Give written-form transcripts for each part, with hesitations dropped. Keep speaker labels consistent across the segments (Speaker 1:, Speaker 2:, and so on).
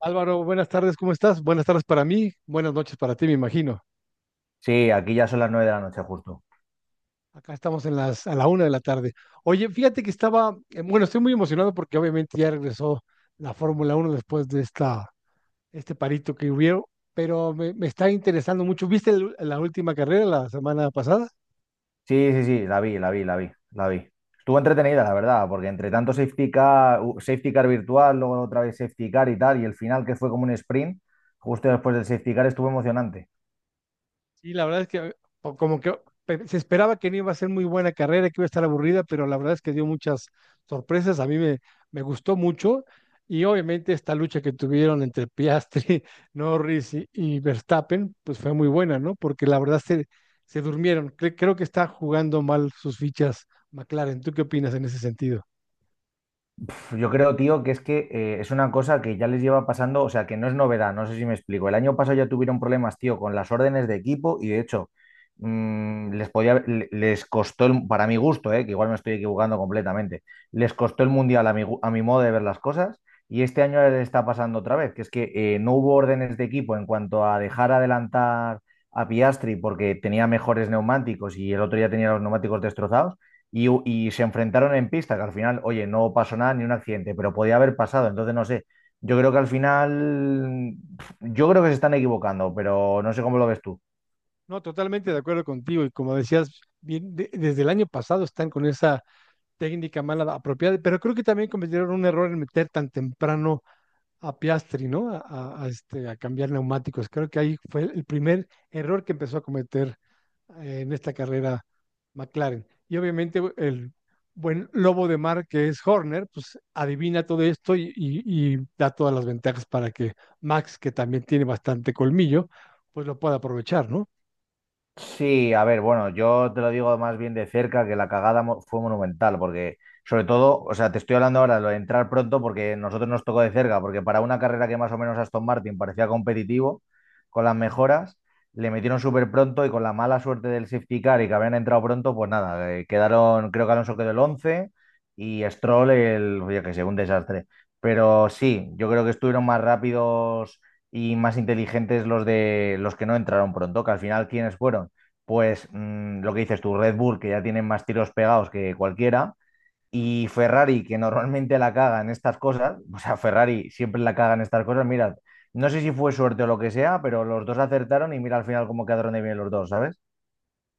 Speaker 1: Álvaro, buenas tardes, ¿cómo estás? Buenas tardes para mí, buenas noches para ti, me imagino.
Speaker 2: Sí, aquí ya son las 9 de la noche justo.
Speaker 1: Acá estamos en las, a la una de la tarde. Oye, fíjate que estaba, bueno, estoy muy emocionado porque obviamente ya regresó la Fórmula Uno después de esta, este parito que hubo, pero me está interesando mucho. ¿Viste la última carrera la semana pasada?
Speaker 2: Sí, sí, sí, la vi, la vi, la vi, la vi. Estuvo entretenida, la verdad, porque entre tanto safety car, safety car virtual, luego otra vez safety car y tal, y el final que fue como un sprint, justo después del safety car estuvo emocionante.
Speaker 1: Sí, la verdad es que o como que pe- se esperaba que no iba a ser muy buena carrera, que iba a estar aburrida, pero la verdad es que dio muchas sorpresas. Me gustó mucho. Y obviamente esta lucha que tuvieron entre Piastri, Norris y Verstappen, pues fue muy buena, ¿no? Porque la verdad se durmieron. Creo que está jugando mal sus fichas McLaren. ¿Tú qué opinas en ese sentido?
Speaker 2: Pf, yo creo, tío, que es una cosa que ya les lleva pasando, o sea, que no es novedad, no sé si me explico. El año pasado ya tuvieron problemas, tío, con las órdenes de equipo y de hecho les podía, les costó, para mi gusto, que igual me estoy equivocando completamente, les costó el mundial a a mi modo de ver las cosas y este año les está pasando otra vez, que es que no hubo órdenes de equipo en cuanto a dejar adelantar a Piastri porque tenía mejores neumáticos y el otro ya tenía los neumáticos destrozados y se enfrentaron en pista, que al final, oye, no pasó nada ni un accidente, pero podía haber pasado, entonces no sé. Yo creo que al final, yo creo que se están equivocando, pero no sé cómo lo ves tú.
Speaker 1: No, totalmente de acuerdo contigo. Y como decías, bien, desde el año pasado están con esa técnica mala apropiada, pero creo que también cometieron un error en meter tan temprano a Piastri, ¿no? A este, a cambiar neumáticos. Creo que ahí fue el primer error que empezó a cometer en esta carrera McLaren. Y obviamente el buen lobo de mar que es Horner, pues adivina todo esto y da todas las ventajas para que Max, que también tiene bastante colmillo, pues lo pueda aprovechar, ¿no?
Speaker 2: Sí, a ver, bueno, yo te lo digo más bien de cerca que la fue monumental, porque sobre todo, o sea, te estoy hablando ahora de lo de entrar pronto porque nosotros nos tocó de cerca, porque para una carrera que más o menos Aston Martin parecía competitivo, con las mejoras, le metieron súper pronto y con la mala suerte del safety car y que habían entrado pronto, pues nada, quedaron, creo que Alonso quedó el 11 y Stroll el, oye, que sé, un desastre. Pero sí, yo creo que estuvieron más rápidos y más inteligentes los de los que no entraron pronto, que al final, ¿quiénes fueron? Pues lo que dices tú, Red Bull, que ya tienen más tiros pegados que cualquiera, y Ferrari, que normalmente la caga en estas cosas, o sea, Ferrari siempre la caga en estas cosas, mirad, no sé si fue suerte o lo que sea, pero los dos acertaron y mira al final cómo quedaron de bien los dos, ¿sabes?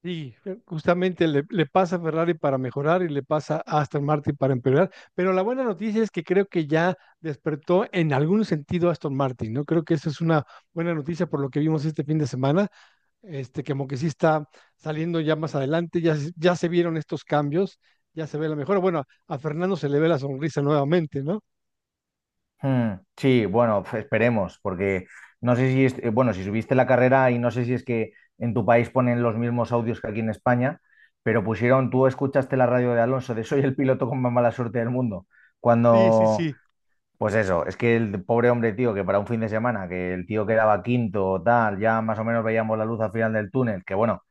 Speaker 1: Sí, justamente le pasa a Ferrari para mejorar y le pasa a Aston Martin para empeorar, pero la buena noticia es que creo que ya despertó en algún sentido Aston Martin, ¿no? Creo que eso es una buena noticia por lo que vimos este fin de semana, este, que como que sí está saliendo ya más adelante, ya se vieron estos cambios, ya se ve la mejora. Bueno, a Fernando se le ve la sonrisa nuevamente, ¿no?
Speaker 2: Hmm, sí, bueno, pues esperemos, porque no sé si, es, bueno, si subiste la carrera y no sé si es que en tu país ponen los mismos audios que aquí en España, pero pusieron, tú escuchaste la radio de Alonso de soy el piloto con más mala suerte del mundo,
Speaker 1: Sí, sí,
Speaker 2: cuando...
Speaker 1: sí,
Speaker 2: Pues eso, es que el pobre hombre, tío, que para un fin de semana, que el tío quedaba quinto o tal, ya más o menos veíamos la luz al final del túnel, que bueno,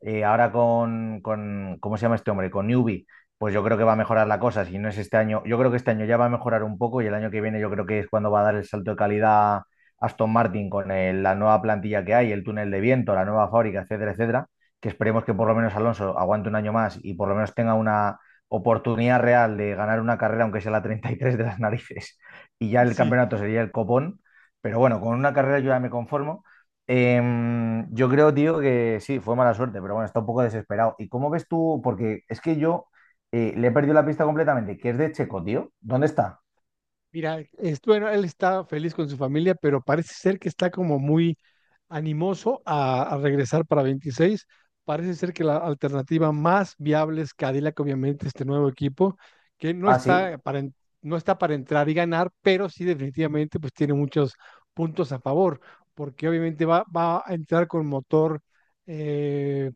Speaker 2: ahora con ¿cómo se llama este hombre? Con Newbie, pues yo creo que va a mejorar la cosa. Si no es este año, yo creo que este año ya va a mejorar un poco y el año que viene yo creo que es cuando va a dar el salto de calidad Aston Martin con la nueva plantilla que hay, el túnel de viento, la nueva fábrica, etcétera, etcétera. Que esperemos que por lo menos Alonso aguante un año más y por lo menos tenga una oportunidad real de ganar una carrera, aunque sea la 33 de las narices. Y ya el
Speaker 1: sí.
Speaker 2: campeonato sería el copón. Pero bueno, con una carrera yo ya me conformo. Yo creo, tío, que sí, fue mala suerte, pero bueno, está un poco desesperado. ¿Y cómo ves tú? Porque es que yo le he perdido la pista completamente, que es de Checo, tío. ¿Dónde está?
Speaker 1: Mira, es, bueno, él está feliz con su familia, pero parece ser que está como muy animoso a regresar para 26. Parece ser que la alternativa más viable es Cadillac, obviamente, este nuevo equipo, que no
Speaker 2: Ah, sí.
Speaker 1: está para, no está para entrar y ganar, pero sí definitivamente pues tiene muchos puntos a favor, porque obviamente va a entrar con motor eh,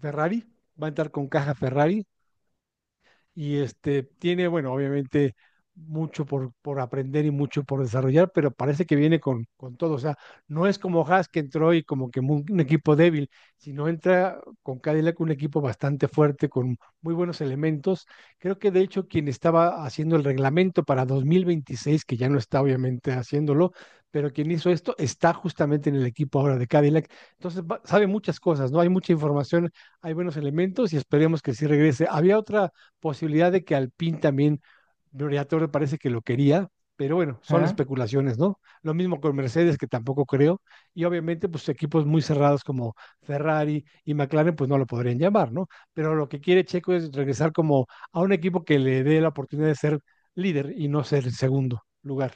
Speaker 1: Ferrari, va a entrar con caja Ferrari, y este, tiene, bueno, obviamente mucho por aprender y mucho por desarrollar, pero parece que viene con todo. O sea, no es como Haas que entró y como que mu- un equipo débil, sino entra con Cadillac un equipo bastante fuerte, con muy buenos elementos. Creo que de hecho quien estaba haciendo el reglamento para 2026, que ya no está obviamente haciéndolo, pero quien hizo esto está justamente en el equipo ahora de Cadillac. Entonces va- sabe muchas cosas, ¿no? Hay mucha información, hay buenos elementos y esperemos que sí regrese. Había otra posibilidad de que Alpine también, Gloria Torre parece que lo quería, pero bueno, son
Speaker 2: ¿Mm?
Speaker 1: especulaciones, ¿no? Lo mismo con Mercedes, que tampoco creo, y obviamente, pues equipos muy cerrados como Ferrari y McLaren, pues no lo podrían llamar, ¿no? Pero lo que quiere Checo es regresar como a un equipo que le dé la oportunidad de ser líder y no ser el segundo lugar.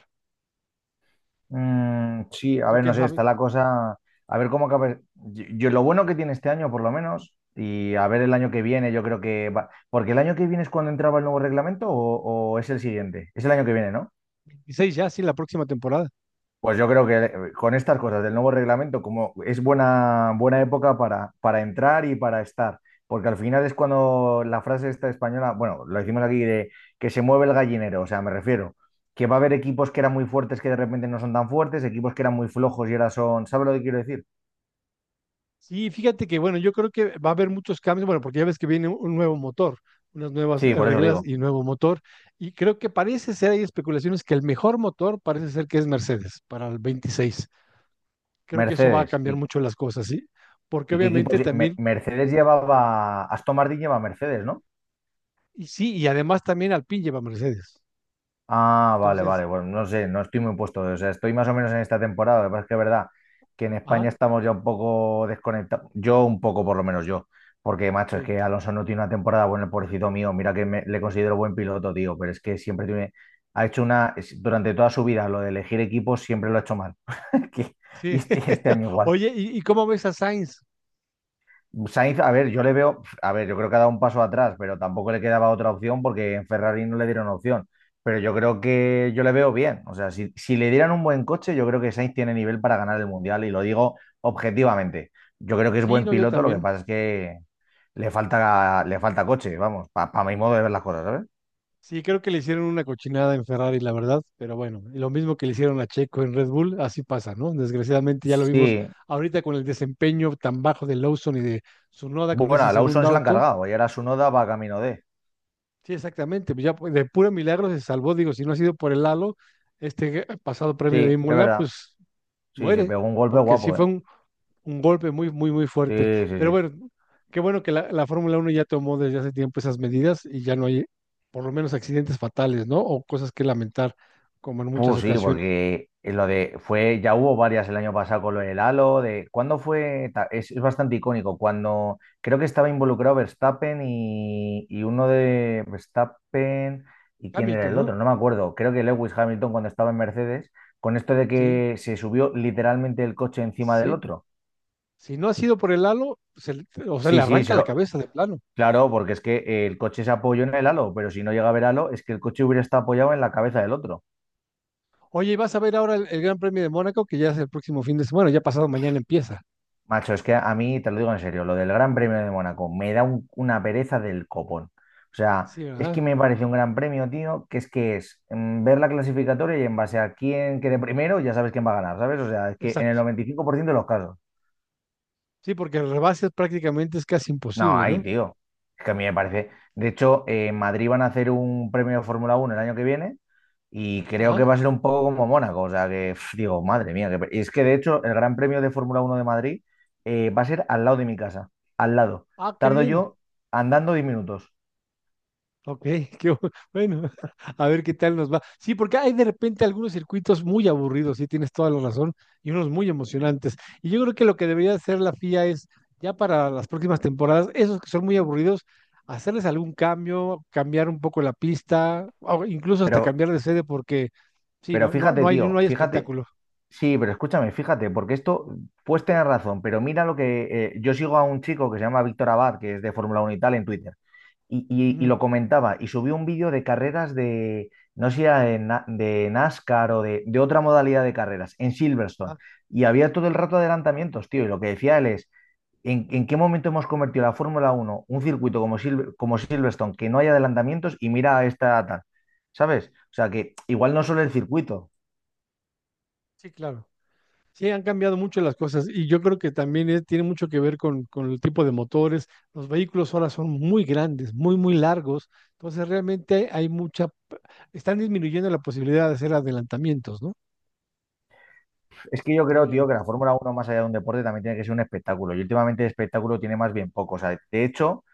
Speaker 2: Mm, sí, a
Speaker 1: ¿Tú
Speaker 2: ver, no
Speaker 1: qué
Speaker 2: sé,
Speaker 1: sabes?
Speaker 2: está la cosa. A ver cómo acaba. Yo lo bueno que tiene este año, por lo menos, y a ver el año que viene, yo creo que va. Porque el año que viene es cuando entraba el nuevo reglamento o es el siguiente. Es el año que viene, ¿no?
Speaker 1: 26 ya, sí, la próxima temporada.
Speaker 2: Pues yo creo que con estas cosas del nuevo reglamento, como es buena época para entrar y para estar, porque al final es cuando la frase esta española, bueno, lo decimos aquí de que se mueve el gallinero, o sea, me refiero, que va a haber equipos que eran muy fuertes que de repente no son tan fuertes, equipos que eran muy flojos y ahora son, ¿sabes lo que quiero decir?
Speaker 1: Sí, fíjate que bueno, yo creo que va a haber muchos cambios, bueno, porque ya ves que viene un nuevo motor, unas nuevas
Speaker 2: Sí, por eso
Speaker 1: reglas
Speaker 2: digo,
Speaker 1: y nuevo motor, y creo que parece ser, hay especulaciones que el mejor motor parece ser que es Mercedes para el 26. Creo que eso va a
Speaker 2: Mercedes.
Speaker 1: cambiar mucho las cosas, ¿sí? Porque
Speaker 2: Y qué
Speaker 1: obviamente
Speaker 2: equipos?
Speaker 1: también,
Speaker 2: Mercedes llevaba, Aston Martin lleva Mercedes, ¿no?
Speaker 1: y sí, y además también Alpine lleva Mercedes.
Speaker 2: Ah, vale,
Speaker 1: Entonces,
Speaker 2: vale. Bueno, no sé, no estoy muy puesto. O sea, estoy más o menos en esta temporada. Lo que pasa es que es verdad que en
Speaker 1: ah,
Speaker 2: España estamos ya un poco desconectados. Yo un poco, por lo menos yo. Porque, macho, es
Speaker 1: sí,
Speaker 2: que Alonso no tiene una temporada buena, el pobrecito mío. Mira que le considero buen piloto, tío. Pero es que siempre tiene... Ha hecho una... Durante toda su vida, lo de elegir equipos siempre lo ha hecho mal. Que... Y
Speaker 1: sí.
Speaker 2: este año igual.
Speaker 1: Oye, ¿y cómo ves a Sainz?
Speaker 2: Sainz, a ver, yo le veo, a ver, yo creo que ha dado un paso atrás, pero tampoco le quedaba otra opción porque en Ferrari no le dieron opción. Pero yo creo que yo le veo bien. O sea, si le dieran un buen coche, yo creo que Sainz tiene nivel para ganar el Mundial y lo digo objetivamente. Yo creo que es
Speaker 1: Sí,
Speaker 2: buen
Speaker 1: no, yo
Speaker 2: piloto, lo que
Speaker 1: también.
Speaker 2: pasa es que le falta coche, vamos, para mi modo de ver las cosas, ¿sabes?
Speaker 1: Sí, creo que le hicieron una cochinada en Ferrari, la verdad, pero bueno, y lo mismo que le hicieron a Checo en Red Bull, así pasa, ¿no? Desgraciadamente ya lo vimos
Speaker 2: Sí,
Speaker 1: ahorita con el desempeño tan bajo de Lawson y de Tsunoda con
Speaker 2: bueno,
Speaker 1: ese
Speaker 2: a Lawson
Speaker 1: segundo
Speaker 2: se la han
Speaker 1: auto.
Speaker 2: cargado y ahora su noda va camino de...
Speaker 1: Sí, exactamente, pues ya pu- de puro milagro se salvó, digo, si no ha sido por el halo, este pasado
Speaker 2: Sí,
Speaker 1: premio de
Speaker 2: es
Speaker 1: Imola,
Speaker 2: verdad.
Speaker 1: pues
Speaker 2: Sí, se
Speaker 1: muere,
Speaker 2: pegó un golpe
Speaker 1: porque sí
Speaker 2: guapo,
Speaker 1: fue
Speaker 2: ¿eh?
Speaker 1: un golpe muy, muy, muy
Speaker 2: Sí,
Speaker 1: fuerte.
Speaker 2: sí,
Speaker 1: Pero
Speaker 2: sí.
Speaker 1: bueno, qué bueno que la Fórmula uno ya tomó desde hace tiempo esas medidas y ya no hay, por lo menos, accidentes fatales, ¿no? O cosas que lamentar, como en muchas
Speaker 2: Sí,
Speaker 1: ocasiones.
Speaker 2: porque lo de fue, ya hubo varias el año pasado con lo del Halo, de cuándo fue, es bastante icónico, cuando creo que estaba involucrado Verstappen y uno de Verstappen y quién era
Speaker 1: Hamilton,
Speaker 2: el
Speaker 1: ¿no?
Speaker 2: otro, no me acuerdo, creo que Lewis Hamilton cuando estaba en Mercedes, con esto de
Speaker 1: Sí,
Speaker 2: que se subió literalmente el coche encima del
Speaker 1: sí.
Speaker 2: otro.
Speaker 1: Si no ha sido por el halo, se le- o sea, le
Speaker 2: Sí,
Speaker 1: arranca la cabeza de plano.
Speaker 2: claro, porque es que el coche se apoyó en el Halo, pero si no llega a ver Halo, es que el coche hubiera estado apoyado en la cabeza del otro.
Speaker 1: Oye, y vas a ver ahora el Gran Premio de Mónaco, que ya es el próximo fin de semana. Bueno, ya pasado mañana empieza.
Speaker 2: Macho, es que a mí, te lo digo en serio, lo del Gran Premio de Mónaco me da una pereza del copón. O sea,
Speaker 1: Sí,
Speaker 2: es que
Speaker 1: ¿verdad?
Speaker 2: me parece un gran premio, tío, que es ver la clasificatoria y en base a quién quede primero, ya sabes quién va a ganar, ¿sabes? O sea, es que en el
Speaker 1: Exacto.
Speaker 2: 95% de los casos.
Speaker 1: Sí, porque el rebase prácticamente es casi
Speaker 2: No,
Speaker 1: imposible,
Speaker 2: ahí,
Speaker 1: ¿no?
Speaker 2: tío. Es que a mí me parece. De hecho, en Madrid van a hacer un premio de Fórmula Uno el año que viene y creo que
Speaker 1: Ajá.
Speaker 2: va a ser un poco como Mónaco. O sea, que pf, digo, madre mía. Que es que de hecho, el Gran Premio de Fórmula Uno de Madrid va a ser al lado de mi casa. Al lado.
Speaker 1: Ah, qué
Speaker 2: Tardo
Speaker 1: bien.
Speaker 2: yo andando 10 minutos.
Speaker 1: Ok, qué bueno, a ver qué tal nos va. Sí, porque hay de repente algunos circuitos muy aburridos, sí, tienes toda la razón, y unos muy emocionantes. Y yo creo que lo que debería hacer la FIA es, ya para las próximas temporadas, esos que son muy aburridos, hacerles algún cambio, cambiar un poco la pista, o incluso hasta
Speaker 2: Pero,
Speaker 1: cambiar de sede, porque sí,
Speaker 2: pero
Speaker 1: no, no,
Speaker 2: fíjate,
Speaker 1: no hay, no
Speaker 2: tío,
Speaker 1: hay
Speaker 2: fíjate.
Speaker 1: espectáculo.
Speaker 2: Sí, pero escúchame, fíjate, porque esto, pues tener razón, pero mira lo que... yo sigo a un chico que se llama Víctor Abad, que es de Fórmula Uno y tal, en Twitter. Y
Speaker 1: Ujú.
Speaker 2: lo comentaba y subió un vídeo de carreras de, no sé si era de, de NASCAR de otra modalidad de carreras en Silverstone.
Speaker 1: Ah,
Speaker 2: Y había todo el rato adelantamientos, tío. Y lo que decía él es, en qué momento hemos convertido la Fórmula Uno un circuito como, como Silverstone, que no hay adelantamientos y mira a esta tal? ¿Sabes? O sea que igual no solo el circuito.
Speaker 1: sí, claro. Sí, han cambiado mucho las cosas y yo creo que también tiene mucho que ver con el tipo de motores. Los vehículos ahora son muy grandes, muy, muy largos. Entonces realmente hay mucha, p- están disminuyendo la posibilidad de hacer adelantamientos, ¿no?
Speaker 2: Es que yo
Speaker 1: Creo
Speaker 2: creo, tío,
Speaker 1: yo.
Speaker 2: que la Fórmula Uno más allá de un deporte, también tiene que ser un espectáculo. Y últimamente el espectáculo tiene más bien poco. O sea, de hecho...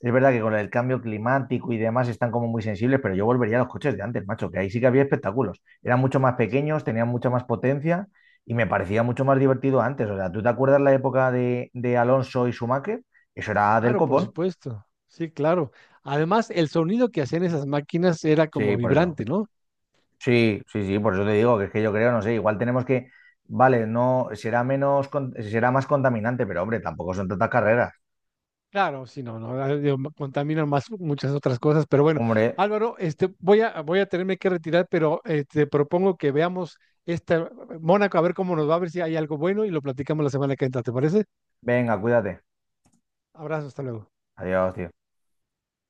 Speaker 2: Es verdad que con el cambio climático y demás están como muy sensibles, pero yo volvería a los coches de antes, macho, que ahí sí que había espectáculos. Eran mucho más pequeños, tenían mucha más potencia y me parecía mucho más divertido antes. O sea, ¿tú te acuerdas la época de Alonso y Schumacher? Eso era del
Speaker 1: Claro, por
Speaker 2: copón.
Speaker 1: supuesto. Sí, claro. Además, el sonido que hacían esas máquinas era como
Speaker 2: Sí, por eso.
Speaker 1: vibrante, ¿no?
Speaker 2: Sí, sí, sí, por eso te digo que es que yo creo, no sé, igual tenemos que, vale, no, será menos, será más contaminante, pero hombre, tampoco son tantas carreras.
Speaker 1: Claro, sí, no, no, ah, digo, ma- contaminan más muchas otras cosas, pero bueno,
Speaker 2: Hombre,
Speaker 1: Álvaro, este, voy a tenerme que retirar, pero te propongo que veamos esta Mónaco, a ver cómo nos va, a ver si hay algo bueno y lo platicamos la semana que entra, ¿te parece?
Speaker 2: venga, cuídate.
Speaker 1: Abrazo, hasta luego.
Speaker 2: Adiós, tío.